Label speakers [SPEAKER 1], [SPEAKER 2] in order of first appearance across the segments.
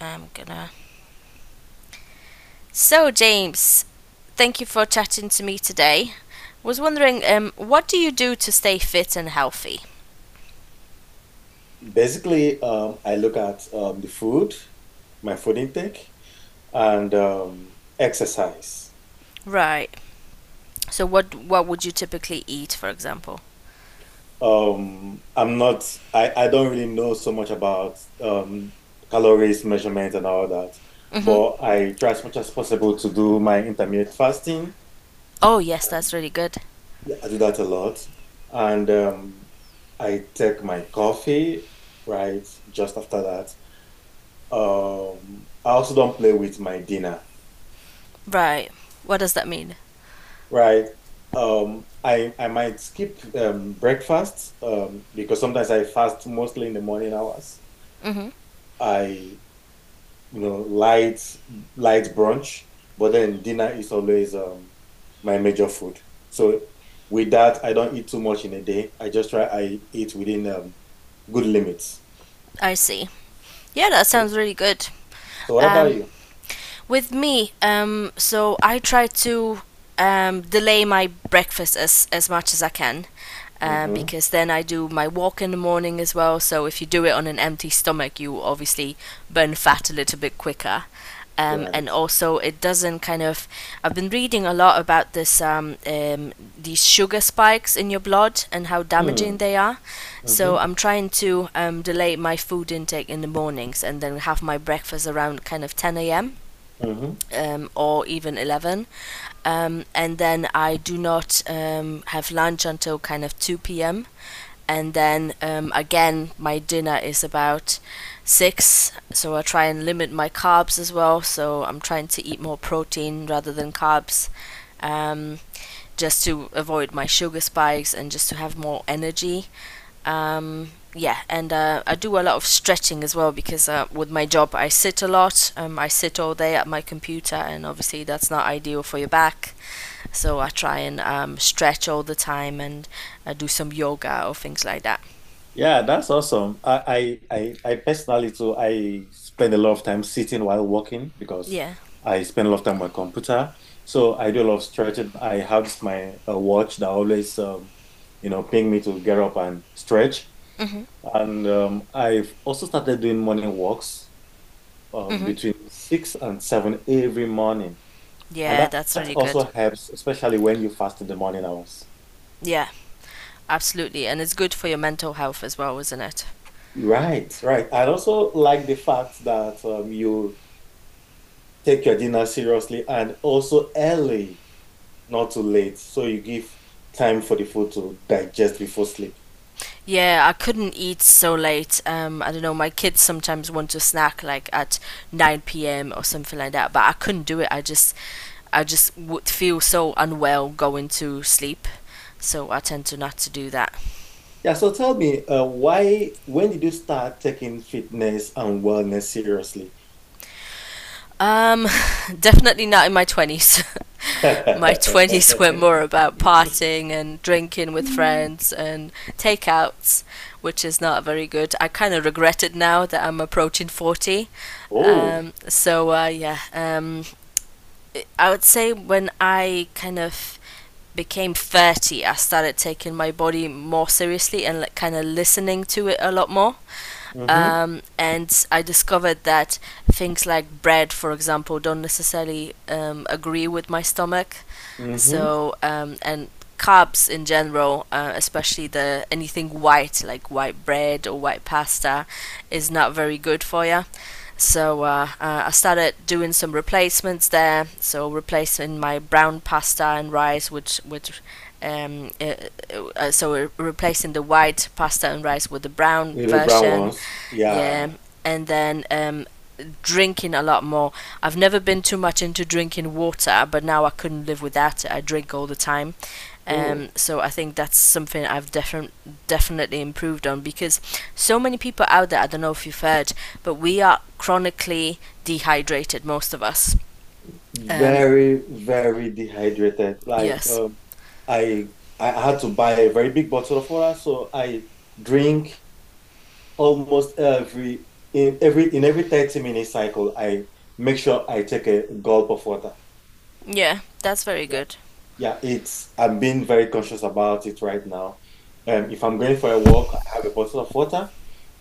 [SPEAKER 1] I'm gonna. So, James, thank you for chatting to me today. Was wondering, what do you do to stay fit and healthy?
[SPEAKER 2] Basically, I look at the food, my food intake, and exercise.
[SPEAKER 1] Right. So, what would you typically eat, for example?
[SPEAKER 2] I'm not, I don't really know so much about calories, measurement, and all that,
[SPEAKER 1] Mhm.
[SPEAKER 2] but I try as much as possible to do my intermittent fasting.
[SPEAKER 1] Oh, yes, that's really good.
[SPEAKER 2] Yeah, I do that a lot. And I take my coffee, right, just after that. I also don't play with my dinner.
[SPEAKER 1] Right. What does that mean?
[SPEAKER 2] Right. I might skip breakfast because sometimes I fast mostly in the morning hours.
[SPEAKER 1] Mhm.
[SPEAKER 2] I light light brunch, but then dinner is always my major food. So with that, I don't eat too much in a day. I just try I eat within good limits.
[SPEAKER 1] I see. Yeah, that
[SPEAKER 2] So,
[SPEAKER 1] sounds really good.
[SPEAKER 2] so, what about
[SPEAKER 1] Um,
[SPEAKER 2] you?
[SPEAKER 1] with me, so I try to delay my breakfast as much as I can, uh,
[SPEAKER 2] Mm-hmm.
[SPEAKER 1] because then I do my walk in the morning as well. So if you do it on an empty stomach, you obviously burn fat a little bit quicker. And
[SPEAKER 2] Right.
[SPEAKER 1] also, it doesn't kind of. I've been reading a lot about this, these sugar spikes in your blood and how
[SPEAKER 2] Hmm.
[SPEAKER 1] damaging they are. So
[SPEAKER 2] Mm-hmm.
[SPEAKER 1] I'm trying to delay my food intake in the mornings and then have my breakfast around kind of 10 a.m.
[SPEAKER 2] Mm-hmm.
[SPEAKER 1] Or even 11. And then I do not have lunch until kind of 2 p.m., and then again my dinner is about 6. So I try and limit my carbs as well, so I'm trying to eat more protein rather than carbs, um, just to avoid my sugar spikes and just to have more energy, um, yeah, and I do a lot of stretching as well because with my job I sit a lot, I sit all day at my computer and obviously that's not ideal for your back, so I try and stretch all the time and do some yoga or things like that.
[SPEAKER 2] Yeah, that's awesome. I personally too, I spend a lot of time sitting while working because
[SPEAKER 1] Yeah.
[SPEAKER 2] I spend a lot of time on my computer. So I do a lot of stretching. I have this my watch that always, ping me to get up and stretch.
[SPEAKER 1] Mhm.
[SPEAKER 2] And I've also started doing morning walks
[SPEAKER 1] Mhm.
[SPEAKER 2] between six and seven every morning. And
[SPEAKER 1] Yeah,
[SPEAKER 2] that,
[SPEAKER 1] that's
[SPEAKER 2] that
[SPEAKER 1] really good.
[SPEAKER 2] also helps, especially when you fast in the morning hours.
[SPEAKER 1] Yeah, absolutely. And it's good for your mental health as well, isn't it?
[SPEAKER 2] Right. I also like the fact that you take your dinner seriously and also early, not too late, so you give time for the food to digest before sleep.
[SPEAKER 1] Yeah, I couldn't eat so late. I don't know, my kids sometimes want to snack like at 9 p.m. or something like that, but I couldn't do it. I just would feel so unwell going to sleep. So I tend to not to do that.
[SPEAKER 2] Yeah, so tell me, when did you start taking fitness and wellness seriously?
[SPEAKER 1] Um, Definitely not in my 20s. My 20s were more about partying and drinking with friends and takeouts, which is not very good. I kind of regret it now that I'm approaching 40.
[SPEAKER 2] Oh,
[SPEAKER 1] So, yeah, I would say when I kind of became 30, I started taking my body more seriously and, like, kind of listening to it a lot more,
[SPEAKER 2] mm-hmm,
[SPEAKER 1] and I discovered that things like bread, for example, don't necessarily agree with my stomach.
[SPEAKER 2] mm-hmm.
[SPEAKER 1] So, and carbs in general, especially the anything white like white bread or white pasta, is not very good for you. So I started doing some replacements there. So replacing my brown pasta and rice with um, uh, so replacing the white pasta and rice with the brown
[SPEAKER 2] Little brown
[SPEAKER 1] version.
[SPEAKER 2] ones.
[SPEAKER 1] Yeah,
[SPEAKER 2] Yeah.
[SPEAKER 1] and then drinking a lot more. I've never been too much into drinking water, but now I couldn't live without it. I drink all the time. Um,
[SPEAKER 2] So
[SPEAKER 1] so I think that's something I've definitely improved on because so many people out there, I don't know if you've heard, but we are chronically dehydrated, most of us. Um,
[SPEAKER 2] very, very dehydrated.
[SPEAKER 1] yes.
[SPEAKER 2] I I had to buy a very big bottle of water, so I drink almost every in every in every 30-minute cycle, I make sure I take a gulp of water.
[SPEAKER 1] Yeah, that's very
[SPEAKER 2] Yeah.
[SPEAKER 1] good.
[SPEAKER 2] Yeah, it's I'm being very conscious about it right now. If I'm going for a walk, I have a bottle of water.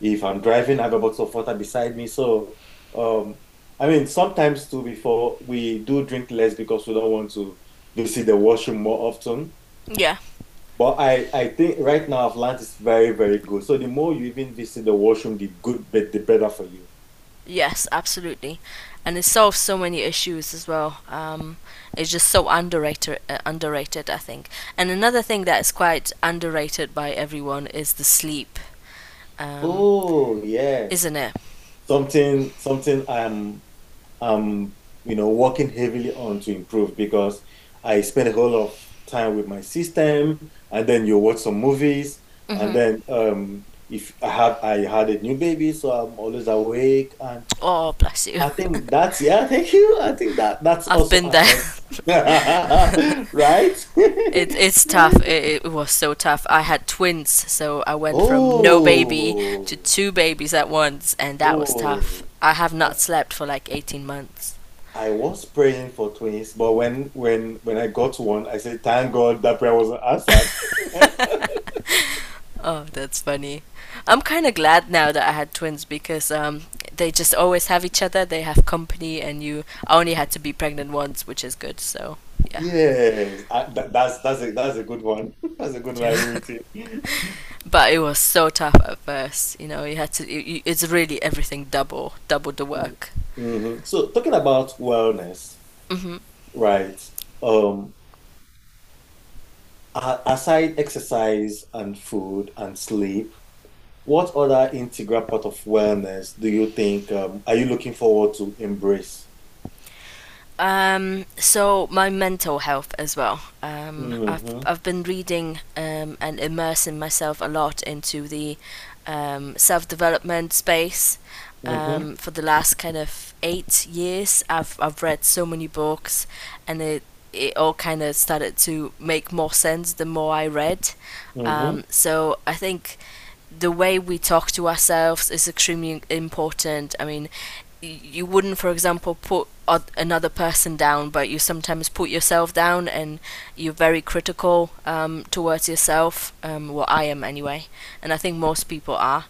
[SPEAKER 2] If I'm driving, I have a bottle of water beside me. Um, I mean, sometimes too, before we do drink less because we don't want to visit the washroom more often.
[SPEAKER 1] Yeah.
[SPEAKER 2] But I think right now I've learned it's very, very good. So the more you even visit the washroom, the better for you.
[SPEAKER 1] Yes, absolutely, and it solves so many issues as well. It's just so underrated, I think. And another thing that is quite underrated by everyone is the sleep, um,
[SPEAKER 2] Oh, yes.
[SPEAKER 1] isn't it?
[SPEAKER 2] Something something I'm you know working heavily on to improve because I spend a whole lot of time with my system and then you watch some movies and
[SPEAKER 1] Hmm.
[SPEAKER 2] then if I have I had a new baby so I'm always awake and
[SPEAKER 1] Oh, bless you.
[SPEAKER 2] I think that's yeah, thank you. I think that that's
[SPEAKER 1] I've
[SPEAKER 2] also
[SPEAKER 1] been there.
[SPEAKER 2] affects. Right?
[SPEAKER 1] It's tough.
[SPEAKER 2] Right?
[SPEAKER 1] It was so tough. I had twins, so I went from no baby to
[SPEAKER 2] Oh.
[SPEAKER 1] two babies at once, and that was tough. I have not
[SPEAKER 2] Oh.
[SPEAKER 1] slept for like 18 months.
[SPEAKER 2] I was praying for twins, but when I got one, I said, "Thank God that prayer wasn't answered."
[SPEAKER 1] Oh, that's funny. I'm kind of glad now that I had twins because they just always have each other. They have company, and you I only had to be pregnant once, which is good. So yeah,
[SPEAKER 2] Yes, I, that, that's a good one. That's a good one. I
[SPEAKER 1] yeah.
[SPEAKER 2] agree with you.
[SPEAKER 1] But it was so tough at first. You know, you had to. It's really everything double, double the
[SPEAKER 2] Mm.
[SPEAKER 1] work.
[SPEAKER 2] Mhm. So talking about wellness,
[SPEAKER 1] Hmm.
[SPEAKER 2] right? Um, aside exercise and food and sleep, what other integral part of wellness do you think are you looking forward to embrace?
[SPEAKER 1] So my mental health as well. I've
[SPEAKER 2] Mm-hmm.
[SPEAKER 1] I've been reading and immersing myself a lot into the self development space.
[SPEAKER 2] Mm-hmm.
[SPEAKER 1] For the last kind of 8 years, I've read so many books, and it all kind of started to make more sense the more I read.
[SPEAKER 2] Mm-hmm.
[SPEAKER 1] So I think the way we talk to ourselves is extremely important. I mean, you wouldn't, for example, put another person down, but you sometimes put yourself down and you're very critical towards yourself. Well, I am anyway, and I think most people are.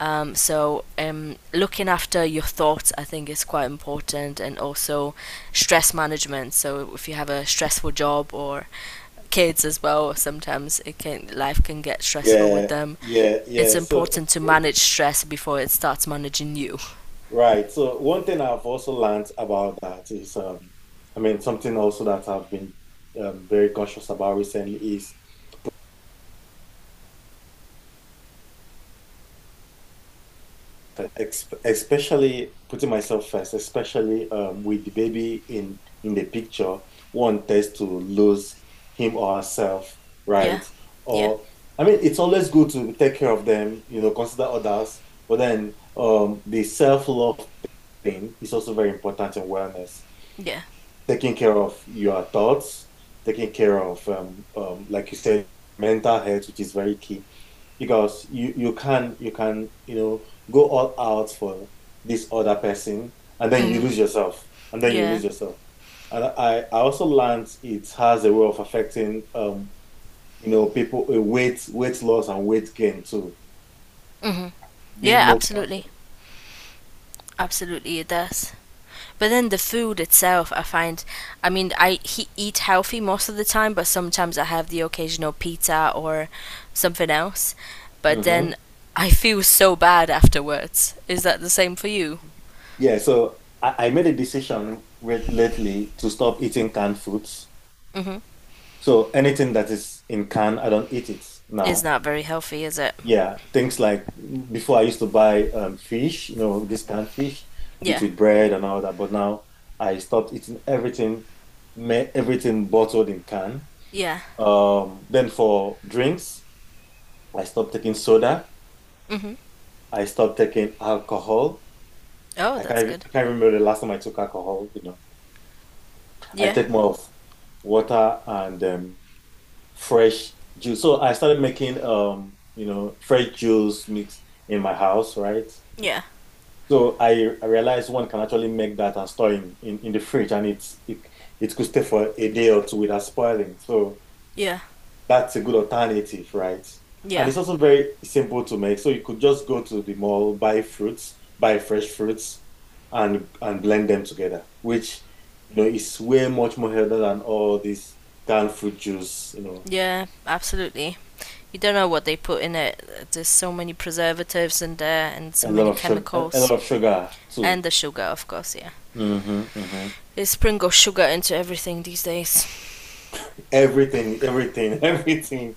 [SPEAKER 1] So, looking after your thoughts, I think, is quite important, and also stress management. So, if you have a stressful job or kids as well, sometimes it can life can get stressful with
[SPEAKER 2] Yeah,
[SPEAKER 1] them.
[SPEAKER 2] yeah,
[SPEAKER 1] It's
[SPEAKER 2] yeah. So
[SPEAKER 1] important to manage stress before it starts managing you.
[SPEAKER 2] right. So one thing I've also learned about that is, I mean, something also that I've been very conscious about recently is, ex especially putting myself first, especially with the baby in the picture, one tends to lose him or herself,
[SPEAKER 1] Yeah,
[SPEAKER 2] right?
[SPEAKER 1] yeah,
[SPEAKER 2] Or I mean, it's always good to take care of them, you know, consider others, but then the self-love thing is also very important in wellness.
[SPEAKER 1] yeah.
[SPEAKER 2] Taking care of your thoughts, taking care of, like you said, mental health, which is very key, because you can you know go all out for this other person, and then you
[SPEAKER 1] Hmm.
[SPEAKER 2] lose yourself, and then you
[SPEAKER 1] Yeah.
[SPEAKER 2] lose yourself. And I also learned it has a way of affecting you know people weight loss and weight gain too,
[SPEAKER 1] Hmm.
[SPEAKER 2] being
[SPEAKER 1] Yeah,
[SPEAKER 2] more
[SPEAKER 1] absolutely.
[SPEAKER 2] conscious.
[SPEAKER 1] Absolutely, it does. But then the food itself, I find, I mean, eat healthy most of the time, but sometimes I have the occasional pizza or something else. But then
[SPEAKER 2] Hmm.
[SPEAKER 1] I feel so bad afterwards. Is that the same for you?
[SPEAKER 2] Yeah, so I made a decision lately to stop eating canned foods.
[SPEAKER 1] Mm-hmm.
[SPEAKER 2] So anything that is in can, I don't eat it
[SPEAKER 1] It's
[SPEAKER 2] now.
[SPEAKER 1] not very healthy, is it?
[SPEAKER 2] Yeah, things like before I used to buy fish, you know, this canned fish,
[SPEAKER 1] Yeah.
[SPEAKER 2] eat with bread and all that. But now I stopped eating everything, everything bottled in can.
[SPEAKER 1] Yeah.
[SPEAKER 2] Then for drinks, I stopped taking soda.
[SPEAKER 1] Mm-hmm.
[SPEAKER 2] I stopped taking alcohol.
[SPEAKER 1] Oh, that's good.
[SPEAKER 2] I can't remember the last time I took alcohol, you know. I
[SPEAKER 1] Yeah.
[SPEAKER 2] take more of water and fresh juice. So I started making fresh juice mix in my house, right?
[SPEAKER 1] Yeah.
[SPEAKER 2] So I realized one can actually make that and store in the fridge and it could stay for a day or two without spoiling. So
[SPEAKER 1] Yeah.
[SPEAKER 2] that's a good alternative, right? And
[SPEAKER 1] Yeah.
[SPEAKER 2] it's also very simple to make. So you could just go to the mall, buy fruits, buy fresh fruits and blend them together, which you know is way much more healthy than all this canned fruit juice, you know.
[SPEAKER 1] Yeah. Absolutely. You don't know what they put in it. There's so many preservatives in there and so
[SPEAKER 2] A lot
[SPEAKER 1] many
[SPEAKER 2] of sugar, a lot
[SPEAKER 1] chemicals.
[SPEAKER 2] of sugar too.
[SPEAKER 1] And the sugar, of course, yeah.
[SPEAKER 2] Hmm hmm.
[SPEAKER 1] They sprinkle sugar into everything these days.
[SPEAKER 2] Everything, everything, everything,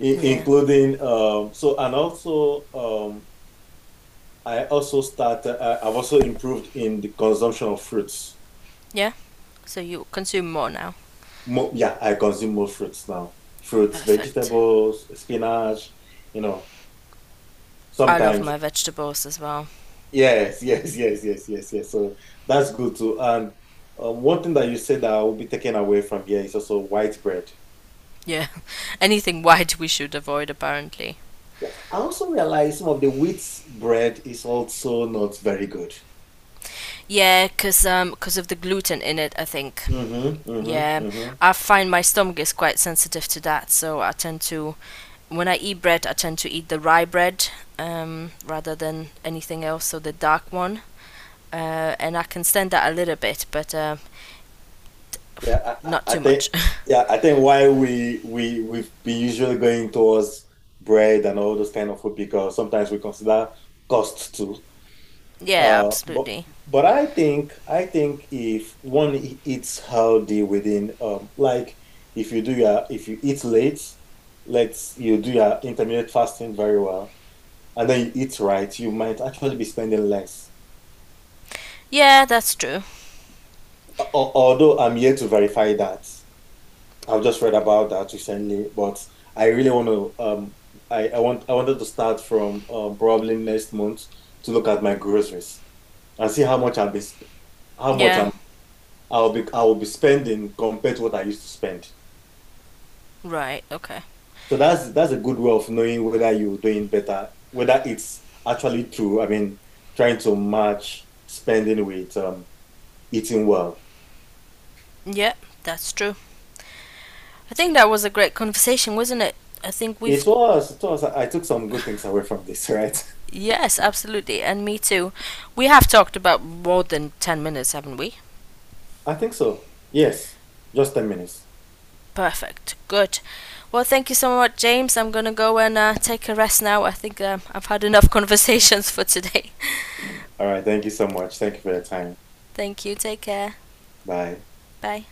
[SPEAKER 2] I-
[SPEAKER 1] Yeah.
[SPEAKER 2] including. So and also I also started. I've also improved in the consumption of fruits.
[SPEAKER 1] Yeah? So you consume more now.
[SPEAKER 2] Mo yeah, I consume more fruits now. Fruits,
[SPEAKER 1] Perfect.
[SPEAKER 2] vegetables, spinach. You know,
[SPEAKER 1] I love
[SPEAKER 2] sometimes.
[SPEAKER 1] my vegetables as well.
[SPEAKER 2] Yes, yes, yes, yes, yes, yes. So that's good too. And one thing that you said that I will be taken away from here is also white bread.
[SPEAKER 1] Yeah. Anything white we should avoid, apparently.
[SPEAKER 2] Yeah. I also realize some of the wheat bread is also not very good.
[SPEAKER 1] Yeah, 'cause 'cause of the gluten in it, I think.
[SPEAKER 2] Mm-hmm, mm-hmm,
[SPEAKER 1] Yeah,
[SPEAKER 2] mm-hmm.
[SPEAKER 1] I find my stomach is quite sensitive to that, so I tend to, when I eat bread, I tend to eat the rye bread rather than anything else, so the dark one. And I can stand that a little bit, but
[SPEAKER 2] Yeah,
[SPEAKER 1] not
[SPEAKER 2] I
[SPEAKER 1] too
[SPEAKER 2] think
[SPEAKER 1] much.
[SPEAKER 2] yeah, I think why we've been usually going towards bread and all those kind of food because sometimes we consider cost too.
[SPEAKER 1] Yeah,
[SPEAKER 2] But
[SPEAKER 1] absolutely.
[SPEAKER 2] I think if one eats healthy within like if you do your if you eat late, let's you do your intermittent fasting very well, and then you eat right, you might actually be spending less.
[SPEAKER 1] Yeah, that's true.
[SPEAKER 2] Although I'm yet to verify that. I've just read about that recently, but I really want to I want I wanted to start from probably next month to look at my groceries and see how much
[SPEAKER 1] Yeah,
[SPEAKER 2] I will be spending compared to what I used to spend.
[SPEAKER 1] right, okay.
[SPEAKER 2] So that's a good way of knowing whether you're doing better, whether it's actually true. I mean, trying to match spending with eating well.
[SPEAKER 1] Yeah, that's true. I think that was a great conversation, wasn't it? I think we've.
[SPEAKER 2] It was, it was. I took some good things away from this, right?
[SPEAKER 1] Yes, absolutely, and me too. We have talked about more than 10 minutes, haven't we?
[SPEAKER 2] I think so. Yes, just 10 minutes.
[SPEAKER 1] Perfect. Good. Well, thank you so much, James. I'm going to go and take a rest now. I think I've had enough conversations for today.
[SPEAKER 2] All right. Thank you so much. Thank you for your time.
[SPEAKER 1] Thank you. Take care.
[SPEAKER 2] Bye.
[SPEAKER 1] Bye.